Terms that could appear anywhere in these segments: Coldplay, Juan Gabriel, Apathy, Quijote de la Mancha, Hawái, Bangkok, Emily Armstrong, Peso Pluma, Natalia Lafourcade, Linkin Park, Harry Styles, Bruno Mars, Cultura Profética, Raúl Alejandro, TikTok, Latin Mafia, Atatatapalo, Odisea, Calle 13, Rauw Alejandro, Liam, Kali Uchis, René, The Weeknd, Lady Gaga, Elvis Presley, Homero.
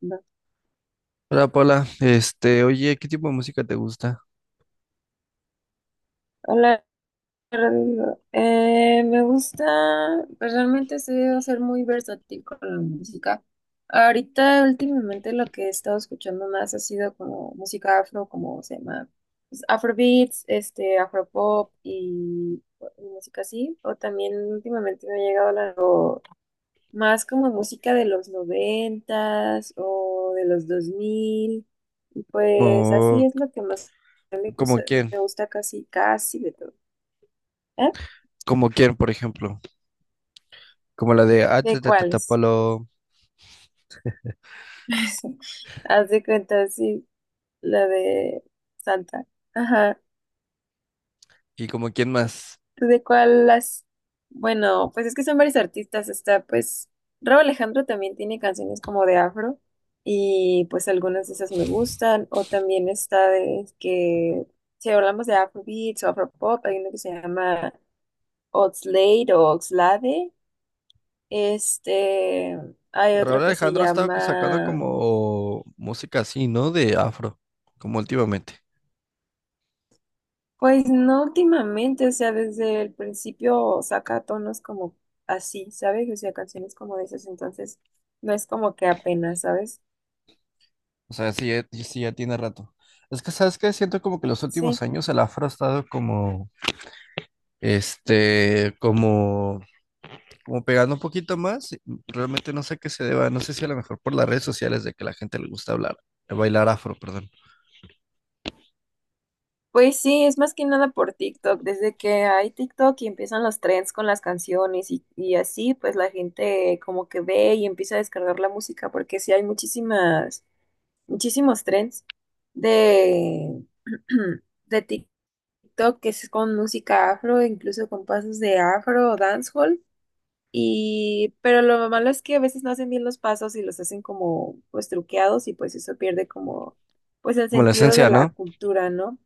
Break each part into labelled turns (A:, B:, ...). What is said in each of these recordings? A: Va.
B: Hola Paula, oye, ¿qué tipo de música te gusta?
A: Hola, Rodrigo. Me gusta, personalmente he sabido ser muy versátil con la música. Ahorita, últimamente, lo que he estado escuchando más ha sido como música afro, como se llama, pues, afrobeats, afropop y música así. O también últimamente me ha llegado o más como música de los noventas o de los dos mil. Y pues así
B: Como,
A: es lo que más me
B: como
A: gusta,
B: quién,
A: me gusta, casi, casi de todo. ¿Eh?
B: como quién, por ejemplo, como la de
A: ¿De cuáles?
B: Atatatapalo
A: Haz de cuenta, sí, la de Santa. Ajá.
B: y como quién más.
A: ¿Tú de cuál las? Bueno, pues es que son varios artistas. Está, pues, Rauw Alejandro también tiene canciones como de afro. Y pues algunas de esas me gustan. O también está de que, si hablamos de Afrobeats o Afropop, hay uno que se llama Oxlade o Oxlade. Este, hay
B: Raúl
A: otro que se
B: Alejandro ha estado sacando
A: llama.
B: como música así, ¿no? De afro, como últimamente.
A: Pues no últimamente, o sea, desde el principio saca tonos como así, ¿sabes? O sea, canciones como de esas, entonces no es como que apenas, ¿sabes?
B: O sea, sí, sí ya tiene rato. Es que, ¿sabes qué? Siento como que los
A: Sí.
B: últimos años el afro ha estado como, como, como pegando un poquito más. Realmente no sé a qué se deba, no sé si a lo mejor por las redes sociales de que la gente le gusta hablar, bailar afro, perdón.
A: Pues sí, es más que nada por TikTok. Desde que hay TikTok y empiezan los trends con las canciones y así, pues la gente como que ve y empieza a descargar la música, porque sí hay muchísimos trends de, de TikTok que es con música afro, incluso con pasos de afro o dancehall. Y, pero lo malo es que a veces no hacen bien los pasos y los hacen como, pues, truqueados y pues eso pierde como, pues, el
B: Como la
A: sentido de
B: esencia,
A: la
B: ¿no?
A: cultura, ¿no?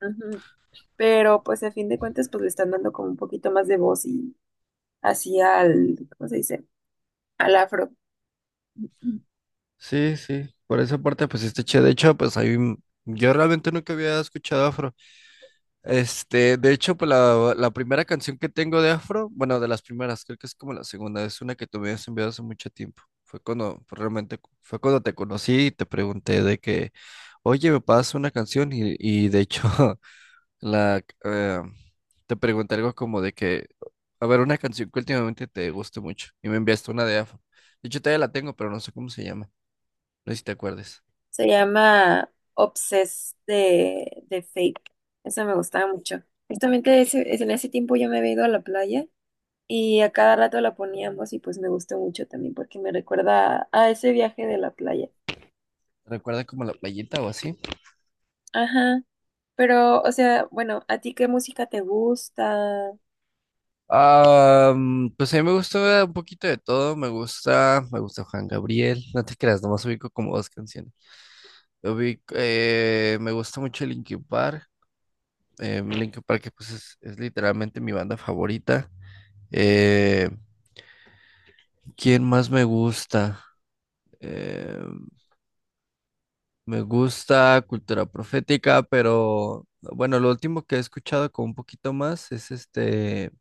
A: Ujú. Pero, pues, a fin de cuentas, pues, le están dando como un poquito más de voz y así al, ¿cómo se dice? Al afro.
B: Sí, sí, por esa parte pues este che, de hecho, pues ahí yo realmente nunca había escuchado afro. De hecho, pues la primera canción que tengo de Afro, bueno, de las primeras, creo que es como la segunda, es una que tú me habías enviado hace mucho tiempo. Fue cuando, pues, realmente, fue cuando te conocí y te pregunté de que, oye, me pasas una canción y de hecho, la, eh, te pregunté algo como de que, a ver, una canción que últimamente te guste mucho y me enviaste una de Afro. De hecho, todavía la tengo, pero no sé cómo se llama, no sé si te acuerdes.
A: Se llama Obsess de, Fake. Eso me gustaba mucho. Justamente en ese tiempo yo me había ido a la playa y a cada rato la poníamos y pues me gustó mucho también porque me recuerda a ese viaje de la playa.
B: ¿Recuerda como la playita o así?
A: Ajá, pero o sea, bueno, ¿a ti qué música te gusta?
B: Pues a mí me gusta un poquito de todo, me gusta Juan Gabriel, no te creas, nomás ubico como dos canciones. Ubico, me gusta mucho Linkin Park, Linkin Park que pues es literalmente mi banda favorita. Eh, ¿Quién más me gusta? Eh, me gusta Cultura Profética, pero bueno, lo último que he escuchado con un poquito más es este,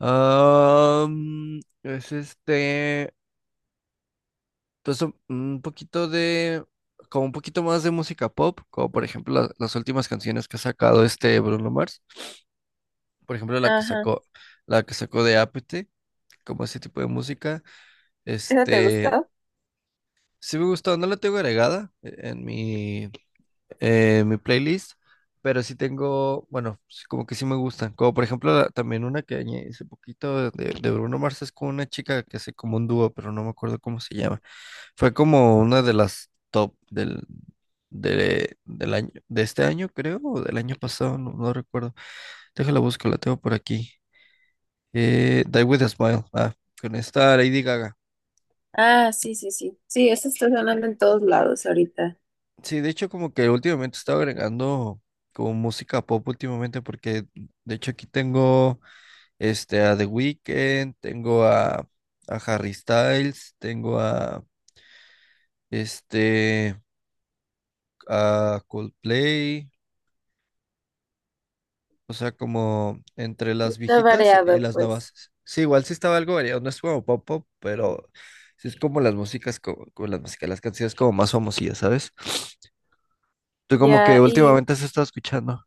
B: es este. Entonces, un poquito de, como un poquito más de música pop, como por ejemplo las últimas canciones que ha sacado este Bruno Mars, por ejemplo
A: Ajá,
B: la que sacó de Apathy, como ese tipo de música,
A: ¿esa te
B: este,
A: gustó?
B: sí me gustó, no la tengo agregada en mi, mi playlist, pero sí tengo, bueno, sí, como que sí me gustan. Como por ejemplo, también una que añadí hace poquito de Bruno Mars es con una chica que hace como un dúo, pero no me acuerdo cómo se llama. Fue como una de las top del, de, del año, de este año, creo, o del año pasado, no, no recuerdo. Déjala busco, la tengo por aquí. Die with a Smile, ah, con esta Lady Gaga.
A: Ah, sí, sí, sí. Sí, eso está sonando en todos lados ahorita.
B: Sí, de hecho como que últimamente he estado agregando como música pop últimamente porque de hecho aquí tengo este a The Weeknd, a Harry Styles, tengo a este a Coldplay, o sea como entre las
A: Está
B: viejitas y
A: variado,
B: las
A: pues.
B: nuevas. Sí, igual sí estaba algo variado, no es como pop pop, pero sí es como las músicas como, las músicas, las canciones como más famosillas, ¿sabes? Tú como que
A: Ya, y,
B: últimamente has estado escuchando.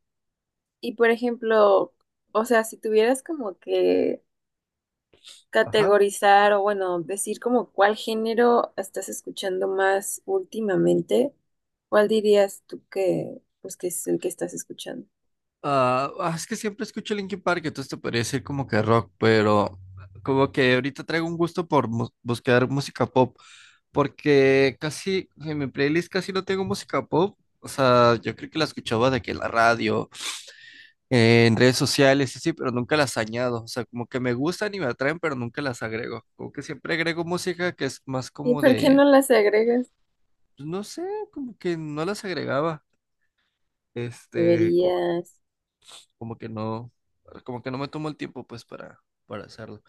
A: y por ejemplo, o sea, si tuvieras como que
B: Ajá.
A: categorizar o bueno, decir como cuál género estás escuchando más últimamente, ¿cuál dirías tú que pues que es el que estás escuchando?
B: Es que siempre escucho Linkin Park, entonces te podría decir como que rock, pero como que ahorita traigo un gusto por buscar música pop, porque casi en mi playlist casi no tengo música pop. O sea, yo creo que la escuchaba de que en la radio, en redes sociales, sí, sí, pero nunca las añado. O sea, como que me gustan y me atraen, pero nunca las agrego. Como que siempre agrego música que es más
A: ¿Y
B: como
A: por qué
B: de,
A: no las agregas?
B: pues, no sé, como que no las agregaba. Este, co-
A: Deberías.
B: como que no, como que no me tomo el tiempo pues para hacerlo.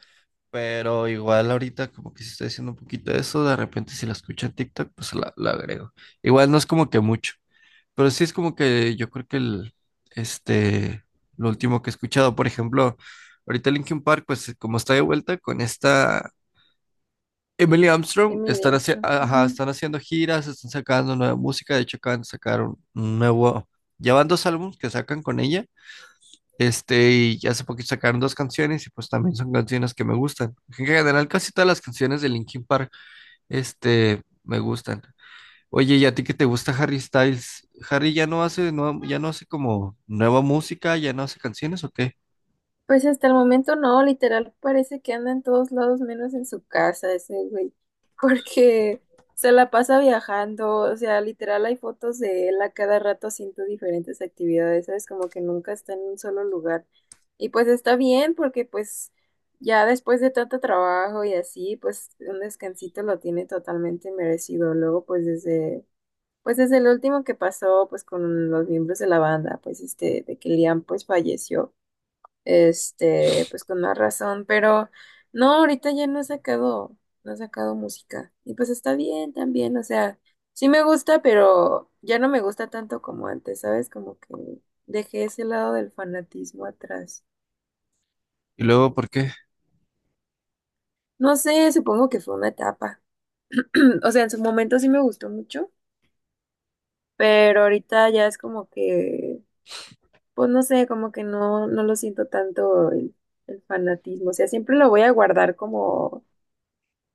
B: Pero igual ahorita como que si estoy haciendo un poquito de eso, de repente si la escucho en TikTok, pues la agrego. Igual no es como que mucho, pero sí es como que yo creo que el, este, lo último que he escuchado, por ejemplo, ahorita Linkin Park, pues como está de vuelta con esta... Emily Armstrong
A: Emily
B: están,
A: Armstrong. Ujú.
B: ajá, están haciendo giras, están sacando nueva música, de hecho acaban de sacar un nuevo, ya van dos álbumes que sacan con ella, y hace poquito sacaron dos canciones y pues también son canciones que me gustan. En general, casi todas las canciones de Linkin Park, me gustan. Oye, ¿y a ti que te gusta Harry Styles? ¿Harry ya no hace, no, ya no hace como nueva música, ya no hace canciones o qué?
A: Pues hasta el momento no, literal parece que anda en todos lados menos en su casa ese güey, porque se la pasa viajando, o sea, literal hay fotos de él a cada rato haciendo diferentes actividades, ¿sabes? Como que nunca está en un solo lugar. Y pues está bien porque pues ya después de tanto trabajo y así, pues un descansito lo tiene totalmente merecido. Luego pues pues desde el último que pasó pues con los miembros de la banda, pues este, de que Liam pues falleció. Este, pues con más razón, pero no, ahorita ya no ha sacado, no ha sacado música. Y pues está bien también, o sea, sí me gusta, pero ya no me gusta tanto como antes, ¿sabes? Como que dejé ese lado del fanatismo atrás.
B: Y luego, ¿por qué?
A: No sé, supongo que fue una etapa. O sea, en su momento sí me gustó mucho, pero ahorita ya es como que, pues no sé, como que no, no lo siento tanto el, fanatismo. O sea, siempre lo voy a guardar como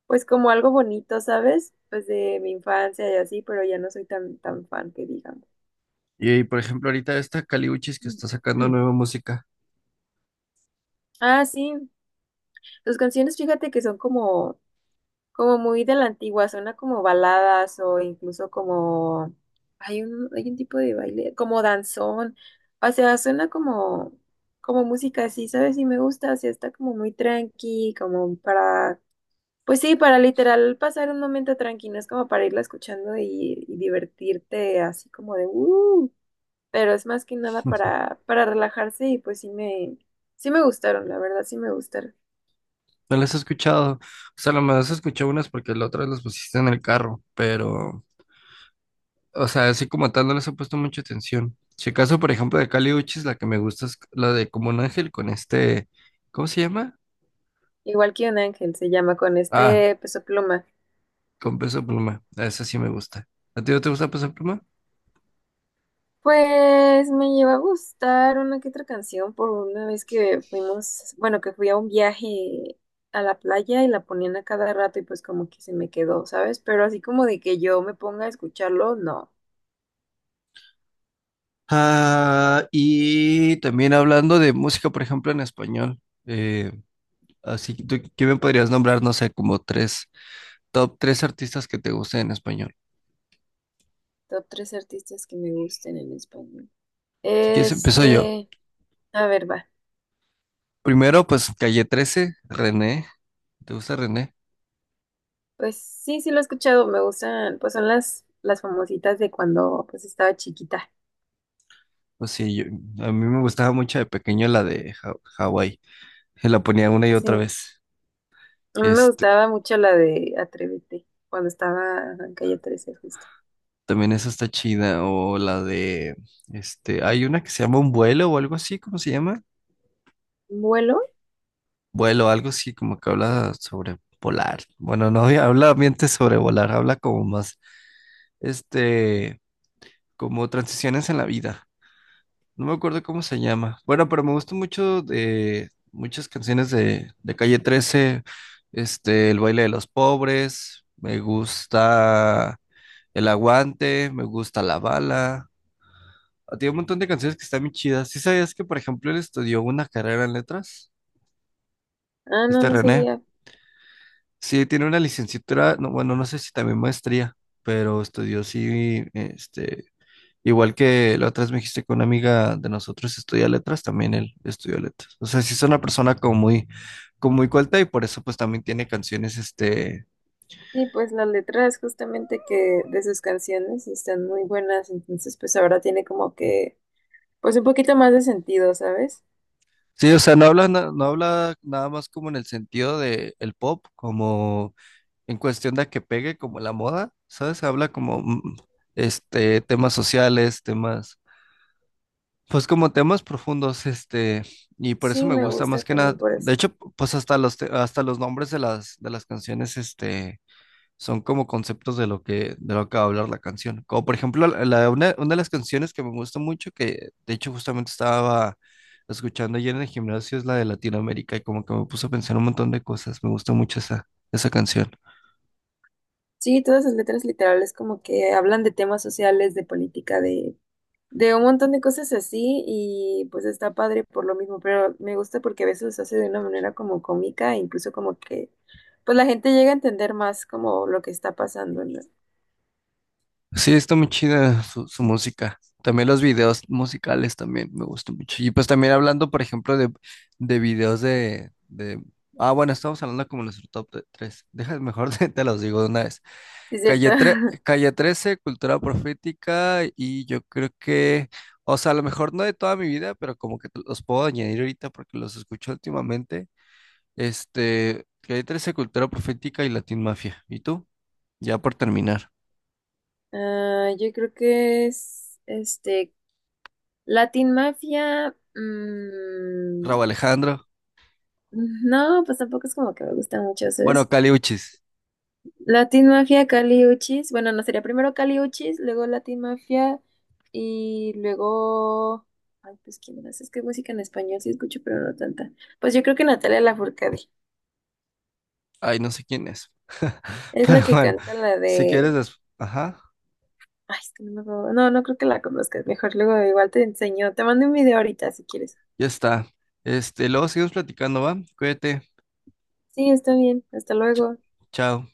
A: pues como algo bonito, ¿sabes? Pues de mi infancia y así, pero ya no soy tan, tan fan que digamos.
B: Y, por ejemplo, ahorita esta Caliuchis que está sacando
A: Mm.
B: nueva música,
A: Ah, sí. Sus canciones, fíjate que son como, muy de la antigua, suena como baladas o incluso como hay un tipo de baile, como danzón. O sea, suena como música así, ¿sabes? Y me gusta, o sea, está como muy tranqui, como para pues sí, para literal pasar un momento tranquilo, es como para irla escuchando y divertirte así como de pero es más que nada
B: no
A: para, relajarse y pues sí me gustaron, la verdad sí me gustaron.
B: las he escuchado. O sea, nomás he escuchado unas porque la otra las pusiste en el carro, pero o sea, así como tal, no les he puesto mucha atención. Si acaso, por ejemplo, de Kali Uchis, la que me gusta es la de Como un Ángel con este. ¿Cómo se llama?
A: Igual que un ángel se llama con
B: Ah,
A: este Peso Pluma.
B: con Peso Pluma. Esa sí me gusta. ¿A ti no te gusta Peso Pluma?
A: Pues me lleva a gustar una que otra canción por una vez que fuimos, bueno, que fui a un viaje a la playa y la ponían a cada rato y pues como que se me quedó, ¿sabes? Pero así como de que yo me ponga a escucharlo, no.
B: Ah, y también hablando de música, por ejemplo, en español. eh, así que tú, ¿qué me podrías nombrar? No sé, como tres, top tres artistas que te gusten en español.
A: Top tres artistas que me gusten en español.
B: Si quieres, empiezo yo.
A: Este, a ver, va.
B: Primero, pues Calle trece, René. ¿Te gusta René?
A: Pues sí, sí lo he escuchado, me gustan, pues son las, famositas de cuando pues estaba chiquita.
B: Pues sí, a mí me gustaba mucho de pequeño la de Hawái. Se la ponía una y
A: Sí,
B: otra
A: a
B: vez.
A: mí me
B: Este,
A: gustaba mucho la de Atrévete, cuando estaba en Calle 13 justo.
B: también esa está chida. O la de, hay una que se llama Un vuelo o algo así, ¿cómo se llama?
A: ¿Vuelo?
B: Vuelo, algo así, como que habla sobre volar. Bueno, no habla ambiente sobre volar, habla como más, este, como transiciones en la vida. No me acuerdo cómo se llama. Bueno, pero me gustan mucho de muchas canciones de Calle 13. El baile de los pobres. Me gusta El aguante. Me gusta La bala. Ah, tiene un montón de canciones que están muy chidas. ¿Sí sabías que, por ejemplo, él estudió una carrera en letras?
A: Ah, no,
B: Este
A: no
B: René.
A: sabía.
B: Sí, tiene una licenciatura. No, bueno, no sé si también maestría, pero estudió sí, igual que la otra vez me dijiste que una amiga de nosotros estudia letras, también él estudió letras. O sea, sí es una persona como muy culta y por eso pues también tiene canciones, este...
A: Sí, pues las letras justamente que de sus canciones están muy buenas, entonces pues ahora tiene como que, pues un poquito más de sentido, ¿sabes?
B: Sí, o sea, no habla, no, habla nada más como en el sentido de el pop, como en cuestión de que pegue como la moda, ¿sabes? Habla como, temas sociales, temas, pues como temas profundos, y por eso
A: Sí,
B: me
A: me
B: gusta más
A: gusta
B: que nada.
A: también por
B: De
A: eso.
B: hecho, pues hasta los, hasta los nombres de las canciones, son como conceptos de lo que va a hablar la canción. Como por ejemplo, la, una de las canciones que me gusta mucho, que de hecho justamente estaba escuchando ayer en el gimnasio, es la de Latinoamérica y como que me puso a pensar un montón de cosas. Me gusta mucho esa, esa canción.
A: Sí, todas sus letras literales como que hablan de temas sociales, de política, de un montón de cosas así y pues está padre por lo mismo, pero me gusta porque a veces lo hace de una manera como cómica e incluso como que pues la gente llega a entender más como lo que está pasando, ¿no?
B: Sí, está muy chida su, su música. También los videos musicales también me gustan mucho. Y pues también hablando, por ejemplo, de videos de... Ah, bueno, estamos hablando como nuestro top tres. Deja, mejor te los digo de una vez.
A: Sí, es cierto.
B: Calle, Calle trece Cultura Profética y yo creo que, o sea, a lo mejor no de toda mi vida, pero como que los puedo añadir ahorita porque los escucho últimamente. Calle trece Cultura Profética y Latin Mafia. ¿Y tú? Ya por terminar.
A: Ah, yo creo que es este Latin Mafia.
B: Rauw Alejandro.
A: No, pues tampoco es como que me gusta mucho,
B: Bueno,
A: ¿sabes?
B: Caliuchis.
A: Latin Mafia, Kali Uchis. Bueno, no sería primero Kali Uchis, luego Latin Mafia y luego. Ay, pues quién más. Es que música en español sí escucho, pero no tanta. Pues yo creo que Natalia Lafourcade.
B: Ay, no sé quién es.
A: Es
B: Pero
A: la que
B: bueno,
A: canta la
B: si quieres,
A: de.
B: ajá,
A: Ay, es que no me acuerdo. No, no creo que la conozcas. Mejor luego igual te enseño. Te mando un video ahorita si quieres.
B: ya está. Luego seguimos platicando, ¿va? Cuídate.
A: Sí, está bien. Hasta
B: Ch-
A: luego.
B: chao.